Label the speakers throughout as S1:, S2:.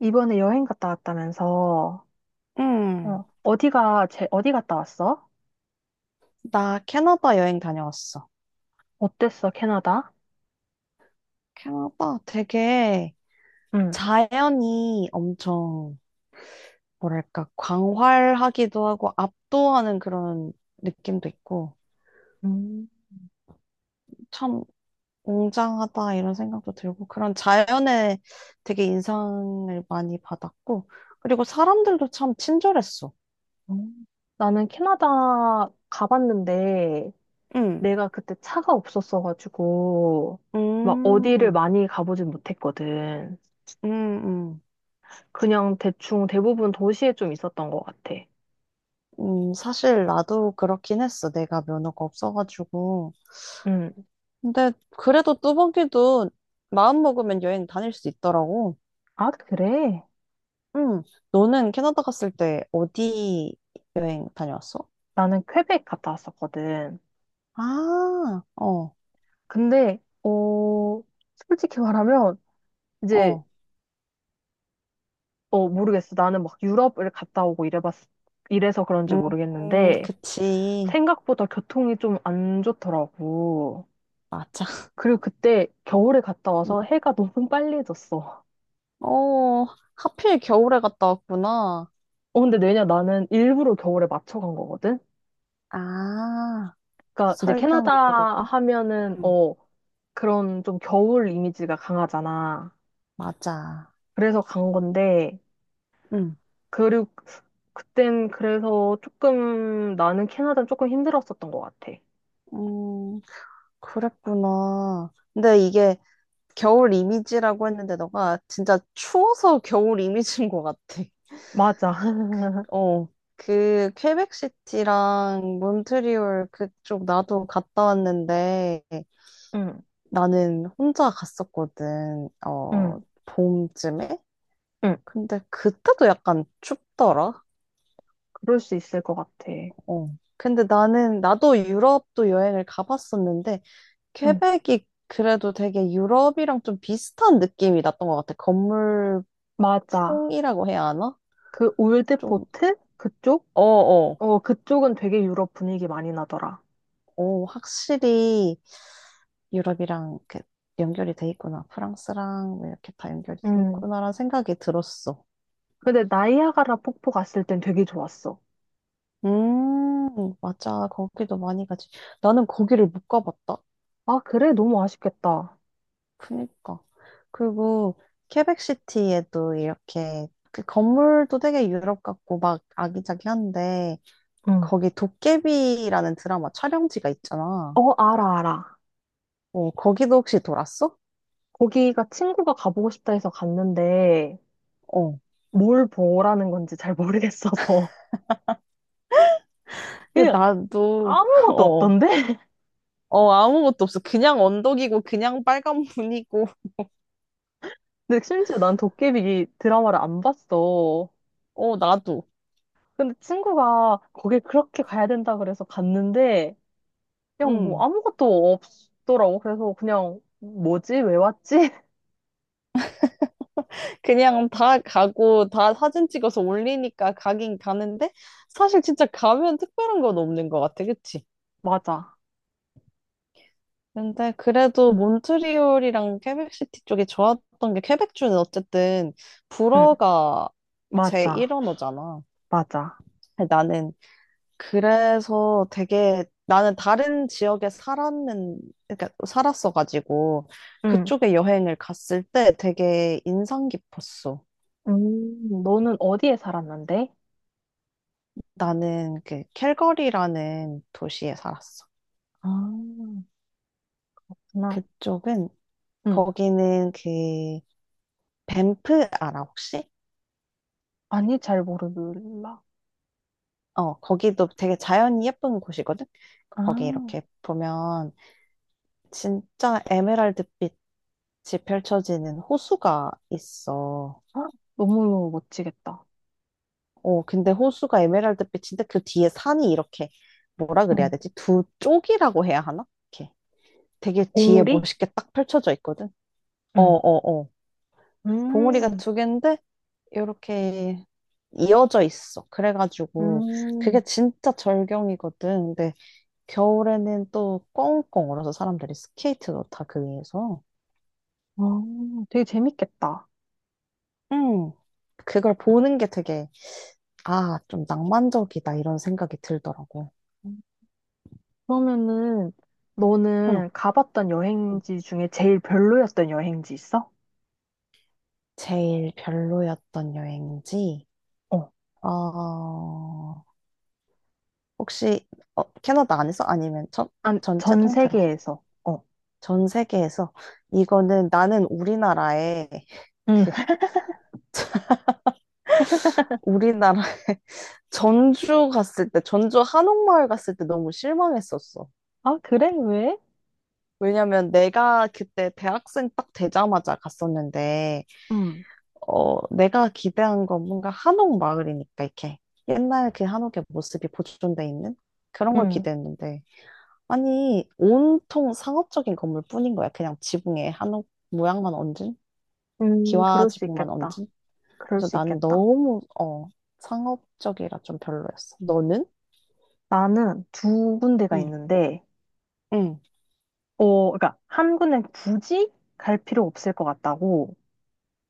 S1: 이번에 여행 갔다 왔다면서,
S2: 응,
S1: 어디가, 제, 어디 갔다 왔어?
S2: 나 캐나다 여행 다녀왔어.
S1: 어땠어, 캐나다?
S2: 캐나다 되게
S1: 응.
S2: 자연이 엄청, 뭐랄까, 광활하기도 하고 압도하는 그런 느낌도 있고,
S1: 음,
S2: 참 웅장하다 이런 생각도 들고, 그런 자연에 되게 인상을 많이 받았고, 그리고 사람들도 참 친절했어.
S1: 음. 나는 캐나다 가봤는데,
S2: 응.
S1: 내가 그때 차가 없었어가지고, 막 어디를
S2: 음.
S1: 많이 가보진 못했거든.
S2: 음. 음.
S1: 그냥 대충 대부분 도시에 좀 있었던 것 같아.
S2: 음. 사실 나도 그렇긴 했어. 내가 면허가 없어가지고.
S1: 응.
S2: 근데 그래도 뚜벅이도 마음 먹으면 여행 다닐 수 있더라고.
S1: 아, 그래?
S2: 응. 너는 캐나다 갔을 때 어디 여행 다녀왔어?
S1: 나는 퀘벡 갔다 왔었거든.
S2: 아, 어,
S1: 근데, 솔직히 말하면, 이제
S2: 어.
S1: 모르겠어. 나는 막 유럽을 갔다 오고 이래서 그런지
S2: 음,
S1: 모르겠는데,
S2: 그치.
S1: 생각보다 교통이 좀 안 좋더라고.
S2: 맞아.
S1: 그리고 그때 겨울에 갔다
S2: 응.
S1: 와서 해가 너무 빨리 졌어.
S2: 어, 하필 겨울에 갔다 왔구나.
S1: 어, 근데 왜냐, 나는 일부러 겨울에 맞춰 간 거거든?
S2: 아, 그
S1: 그러니까 이제
S2: 설경을
S1: 캐나다
S2: 보려고?
S1: 하면은,
S2: 응.
S1: 어, 그런 좀 겨울 이미지가 강하잖아.
S2: 맞아.
S1: 그래서 간 건데,
S2: 응.
S1: 그리고 그땐 그래서 조금, 나는 캐나다는 조금 힘들었었던 것 같아.
S2: 음, 그랬구나. 근데 이게 겨울 이미지라고 했는데 너가 진짜 추워서 겨울 이미지인 것 같아.
S1: 맞아.
S2: 어, 그 퀘벡시티랑 몬트리올 그쪽 나도 갔다 왔는데
S1: 응,
S2: 나는 혼자 갔었거든. 어,
S1: 응,
S2: 봄쯤에?
S1: 응.
S2: 근데 그때도 약간 춥더라.
S1: 그럴 수 있을 것 같아.
S2: 어. 근데 나는 나도 유럽도 여행을 가봤었는데
S1: 응,
S2: 퀘벡이 그래도 되게 유럽이랑 좀 비슷한 느낌이 났던 것 같아. 건물
S1: 맞아.
S2: 풍이라고 해야 하나?
S1: 그
S2: 좀
S1: 올드포트? 그쪽?
S2: 어, 어,
S1: 어, 그쪽은 되게 유럽 분위기 많이 나더라.
S2: 오, 확실히 유럽이랑 이렇게 연결이 돼 있구나. 프랑스랑 뭐 이렇게 다 연결이 돼
S1: 응.
S2: 있구나라는 생각이 들었어.
S1: 근데 나이아가라 폭포 갔을 땐 되게 좋았어.
S2: 맞아. 거기도 많이 가지. 나는 거기를 못 가봤다.
S1: 아, 그래? 너무 아쉽겠다.
S2: 그니까. 그리고 케벡시티에도 이렇게 그 건물도 되게 유럽 같고 막 아기자기한데
S1: 응.
S2: 거기 도깨비라는 드라마 촬영지가 있잖아.
S1: 어, 알아, 알아.
S2: 어, 거기도 혹시 돌았어?
S1: 거기가 친구가 가보고 싶다 해서 갔는데
S2: 어.
S1: 뭘 보라는 건지 잘 모르겠어서
S2: 근데
S1: 그냥
S2: 나도
S1: 아무것도
S2: 어.
S1: 없던데?
S2: 어, 아무것도 없어. 그냥 언덕이고, 그냥 빨간 문이고,
S1: 근데 심지어 난 도깨비 드라마를 안 봤어.
S2: 어, 나도.
S1: 근데 친구가 거길 그렇게 가야 된다 그래서 갔는데 그냥 뭐
S2: 음.
S1: 아무것도 없더라고. 그래서 그냥 뭐지? 왜 왔지?
S2: 그냥 다 가고, 다 사진 찍어서 올리니까 가긴 가는데, 사실 진짜 가면 특별한 건 없는 것 같아. 그치?
S1: 맞아.
S2: 근데 그래도 몬트리올이랑 퀘벡시티 쪽이 좋았던 게, 퀘벡주는 어쨌든
S1: 응,
S2: 불어가
S1: 맞아.
S2: 제1언어잖아.
S1: 맞아.
S2: 나는 그래서 되게 나는 다른 지역에 그러니까 살았어가지고
S1: 응.
S2: 그쪽에 여행을 갔을 때 되게 인상 깊었어.
S1: 너는 어디에 살았는데?
S2: 나는 그 캘거리라는 도시에 살았어.
S1: 아, 나,
S2: 그쪽은
S1: 응.
S2: 거기는 그 밴프 알아 혹시?
S1: 아니, 잘 모르겠라
S2: 어, 거기도 되게 자연이 예쁜 곳이거든.
S1: 아,
S2: 거기 이렇게 보면 진짜 에메랄드빛이 펼쳐지는 호수가 있어.
S1: 헉, 너무 멋지겠다.
S2: 어, 근데 호수가 에메랄드빛인데 그 뒤에 산이 이렇게 뭐라 그래야
S1: 응.
S2: 되지? 두 쪽이라고 해야 하나? 이렇게 되게 뒤에
S1: 봉우리?
S2: 멋있게 딱 펼쳐져 있거든. 어,
S1: 응.
S2: 어, 어. 봉우리가
S1: 음,
S2: 두 개인데 이렇게 이어져 있어. 그래가지고 그게
S1: 음,
S2: 진짜 절경이거든. 근데 겨울에는 또 꽁꽁 얼어서 사람들이 스케이트도 다 그 위에서.
S1: 어, 되게 재밌겠다.
S2: 음, 그걸 보는 게 되게 아, 좀 낭만적이다 이런 생각이 들더라고.
S1: 그러면은,
S2: 응.
S1: 너는 가봤던 여행지 중에 제일 별로였던 여행지 있어?
S2: 제일 별로였던 여행지?
S1: 어
S2: 어, 혹시, 어, 캐나다 안에서? 아니면 전,
S1: 아,
S2: 전체
S1: 전
S2: 통틀어서?
S1: 세계에서. 어.
S2: 전 세계에서? 이거는 나는
S1: 응.
S2: 그, 우리나라, 전주 갔을 때, 전주 한옥마을 갔을 때 너무 실망했었어.
S1: 아, 그래? 왜?
S2: 왜냐면 내가 그때 대학생 딱 되자마자 갔었는데,
S1: 음,
S2: 어, 내가 기대한 건 뭔가 한옥마을이니까, 이렇게. 옛날 그 한옥의 모습이 보존돼 있는? 그런 걸
S1: 음,
S2: 기대했는데, 아니, 온통 상업적인 건물뿐인 거야. 그냥 지붕에 한옥 모양만 얹은? 기와
S1: 그럴 수
S2: 지붕만 얹은?
S1: 있겠다. 그럴
S2: 그래서
S1: 수
S2: 나는
S1: 있겠다.
S2: 너무, 상업적이라 좀 별로였어. 너는?
S1: 나는 두 군데가
S2: 응,
S1: 있는데,
S2: 응,
S1: 그러니까 한 군데는 굳이 갈 필요 없을 것 같다고,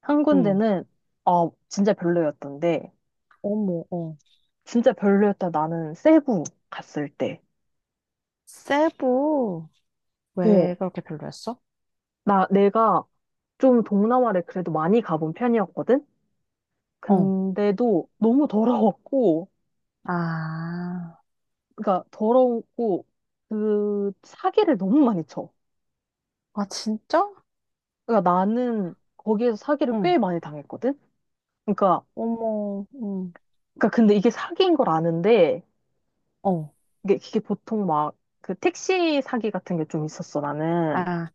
S1: 한
S2: 응.
S1: 군데는, 진짜 별로였던데,
S2: 어머, 어.
S1: 진짜 별로였다. 나는 세부 갔을 때,
S2: 세부,
S1: 어,
S2: 왜 그렇게 별로였어?
S1: 내가 좀 동남아를 그래도 많이 가본 편이었거든?
S2: 어.
S1: 근데도 너무 더러웠고,
S2: 아,
S1: 그러니까 더럽고 그 사기를 너무 많이 쳐.
S2: 아, 진짜?
S1: 그러니까 나는 거기에서 사기를
S2: 응.
S1: 꽤 많이 당했거든. 그러니까
S2: 어머, 응.
S1: 그러니까 근데 이게 사기인 걸 아는데
S2: 어.
S1: 이게 보통 막 그 택시 사기 같은 게 좀 있었어 나는.
S2: 아,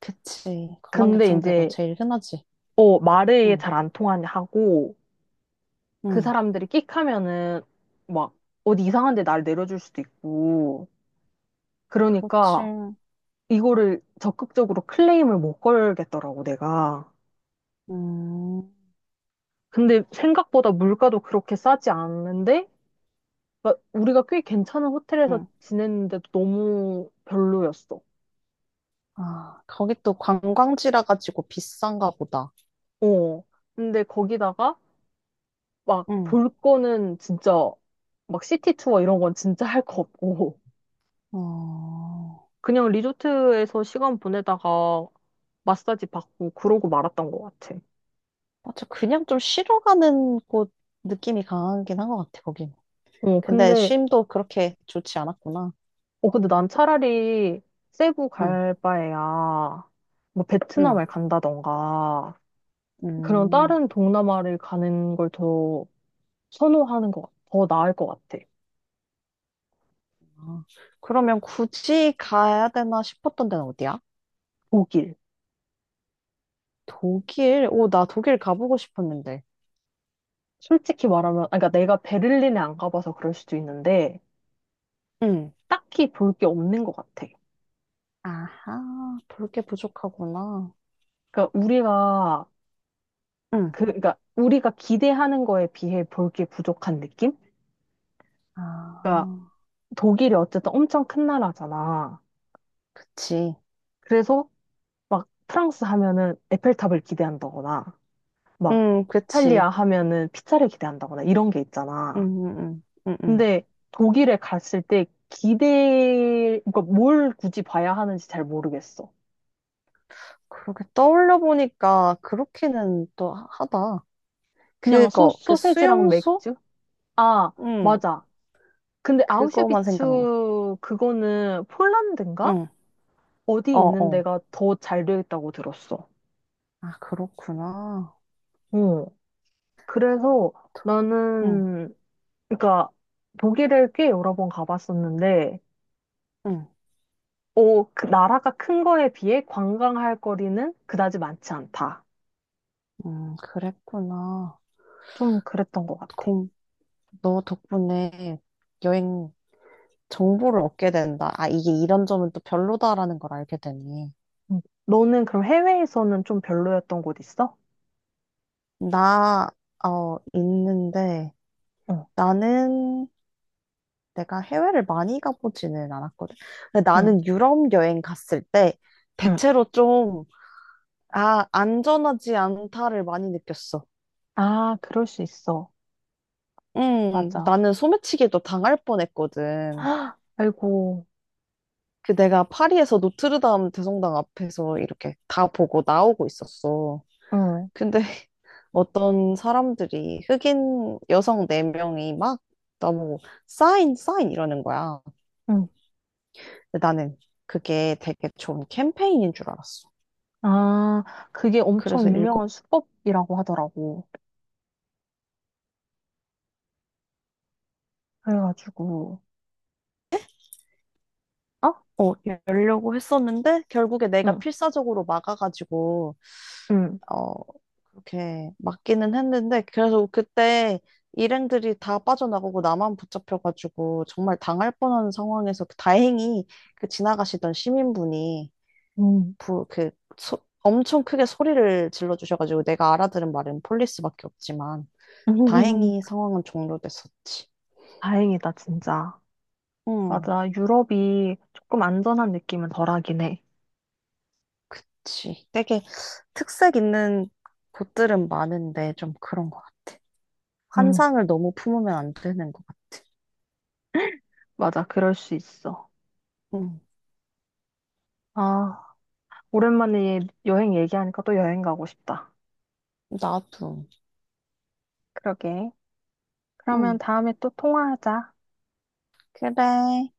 S2: 그치. 관광객
S1: 근데
S2: 상대로
S1: 이제
S2: 제일 흔하지.
S1: 어 말을
S2: 응,
S1: 잘 안 통하냐 하고 그
S2: 응.
S1: 사람들이 끽 하면은 막 어디 이상한 데날 내려줄 수도 있고
S2: 그렇지.
S1: 그러니까 이거를 적극적으로 클레임을 못 걸겠더라고 내가.
S2: 음.
S1: 근데 생각보다 물가도 그렇게 싸지 않는데, 그러니까 우리가 꽤 괜찮은 호텔에서
S2: 응.
S1: 지냈는데도 너무 별로였어.
S2: 아, 거기 또 관광지라 가지고 비싼가 보다.
S1: 어. 근데 거기다가 막
S2: 응.
S1: 볼 거는 진짜 막 시티 투어 이런 건 진짜 할 거 없고,
S2: 어,
S1: 그냥 리조트에서 시간 보내다가 마사지 받고 그러고 말았던 것 같아.
S2: 맞아. 그냥 좀 쉬러 가는 곳 느낌이 강하긴 한 것 같아, 거긴.
S1: 어,
S2: 근데
S1: 근데,
S2: 쉼도 그렇게 좋지 않았구나.
S1: 근데 난 차라리 세부
S2: 응,
S1: 갈 바에야 뭐
S2: 응,
S1: 베트남을 간다던가, 그런
S2: 음.
S1: 다른 동남아를 가는 걸 더 선호하는 것, 같- 더 나을 것 같아.
S2: 아, 그러면 굳이 가야 되나 싶었던 데는 어디야?
S1: 독일.
S2: 독일? 오, 나 독일 가보고 싶었는데.
S1: 솔직히 말하면, 아, 그러니까 내가 베를린에 안 가봐서 그럴 수도 있는데,
S2: 응.
S1: 딱히 볼 게 없는 것 같아.
S2: 아하, 볼게 부족하구나.
S1: 그러니까 우리가,
S2: 응.
S1: 그러니까 우리가 기대하는 거에 비해 볼 게 부족한 느낌?
S2: 아,
S1: 그러니까 독일이 어쨌든 엄청 큰 나라잖아.
S2: 그치.
S1: 그래서 막 프랑스 하면은 에펠탑을 기대한다거나, 막
S2: 응, 그치.
S1: 이탈리아 하면은 피자를 기대한다거나 이런 게
S2: 응,
S1: 있잖아.
S2: 응, 응, 응. 응.
S1: 근데 독일에 갔을 때 기대, 그러니까 뭘 굳이 봐야 하는지 잘 모르겠어.
S2: 그렇게 떠올려 보니까 그렇게는 또 하다.
S1: 그냥
S2: 그거, 그
S1: 소세지랑
S2: 수용소?
S1: 맥주? 아,
S2: 응,
S1: 맞아. 근데
S2: 그거만
S1: 아우슈비츠
S2: 생각나.
S1: 그거는 폴란드인가?
S2: 응,
S1: 어디
S2: 어,
S1: 있는
S2: 어.
S1: 데가 더 잘 되어 있다고 들었어.
S2: 아, 그렇구나.
S1: 어. 그래서
S2: 응,
S1: 나는, 그러니까 독일을 꽤 여러 번 가봤었는데,
S2: 응,
S1: 어, 그 나라가 큰 거에 비해 관광할 거리는 그다지 많지 않다.
S2: 그랬구나.
S1: 좀 그랬던 것 같아.
S2: 공, 너 덕분에 여행 정보를 얻게 된다. 아, 이게 이런 점은 또 별로다라는 걸 알게 되니.
S1: 응. 너는 그럼 해외에서는 좀 별로였던 곳 있어?
S2: 나, 있는데,
S1: 응,
S2: 나는 내가 해외를 많이 가보지는 않았거든. 근데
S1: 응,
S2: 나는 유럽 여행 갔을 때
S1: 응.
S2: 대체로 좀, 아, 안전하지 않다를 많이 느꼈어.
S1: 아, 그럴 수 있어. 맞아.
S2: 나는 소매치기도 당할 뻔했거든.
S1: 헉, 아이고,
S2: 그 내가 파리에서 노트르담 대성당 앞에서 이렇게 다 보고 나오고 있었어.
S1: 응,
S2: 근데 어떤 사람들이 흑인 여성 네명이막 나보고 사인, 사인 이러는 거야.
S1: 응.
S2: 근데 나는 그게 되게 좋은 캠페인인 줄 알았어.
S1: 아, 그게 엄청
S2: 그래서
S1: 유명한 수법이라고 하더라고. 그래가지고, 어?
S2: 어, 열려고 했었는데, 결국에 내가
S1: 응,
S2: 필사적으로 막아가지고,
S1: 응,
S2: 어, 그렇게 막기는 했는데, 그래서 그때 일행들이 다 빠져나가고 나만 붙잡혀가지고, 정말 당할 뻔한 상황에서 그 다행히 그 지나가시던 시민분이,
S1: 응.
S2: 부, 그, 엄청 크게 소리를 질러주셔가지고, 내가 알아들은 말은 폴리스밖에 없지만, 다행히 상황은 종료됐었지.
S1: 다행이다, 진짜.
S2: 응,
S1: 맞아. 유럽이 조금 안전한 느낌은 덜하긴 해.
S2: 그치. 되게 특색 있는 곳들은 많은데, 좀 그런
S1: 응,
S2: 환상을 너무 품으면 안 되는 것 같아.
S1: 맞아. 그럴 수 있어.
S2: 응,
S1: 아, 오랜만에 여행 얘기하니까 또 여행 가고 싶다.
S2: 나도.
S1: 그러게. 그러면
S2: 응,
S1: 다음에 또 통화하자.
S2: 그래.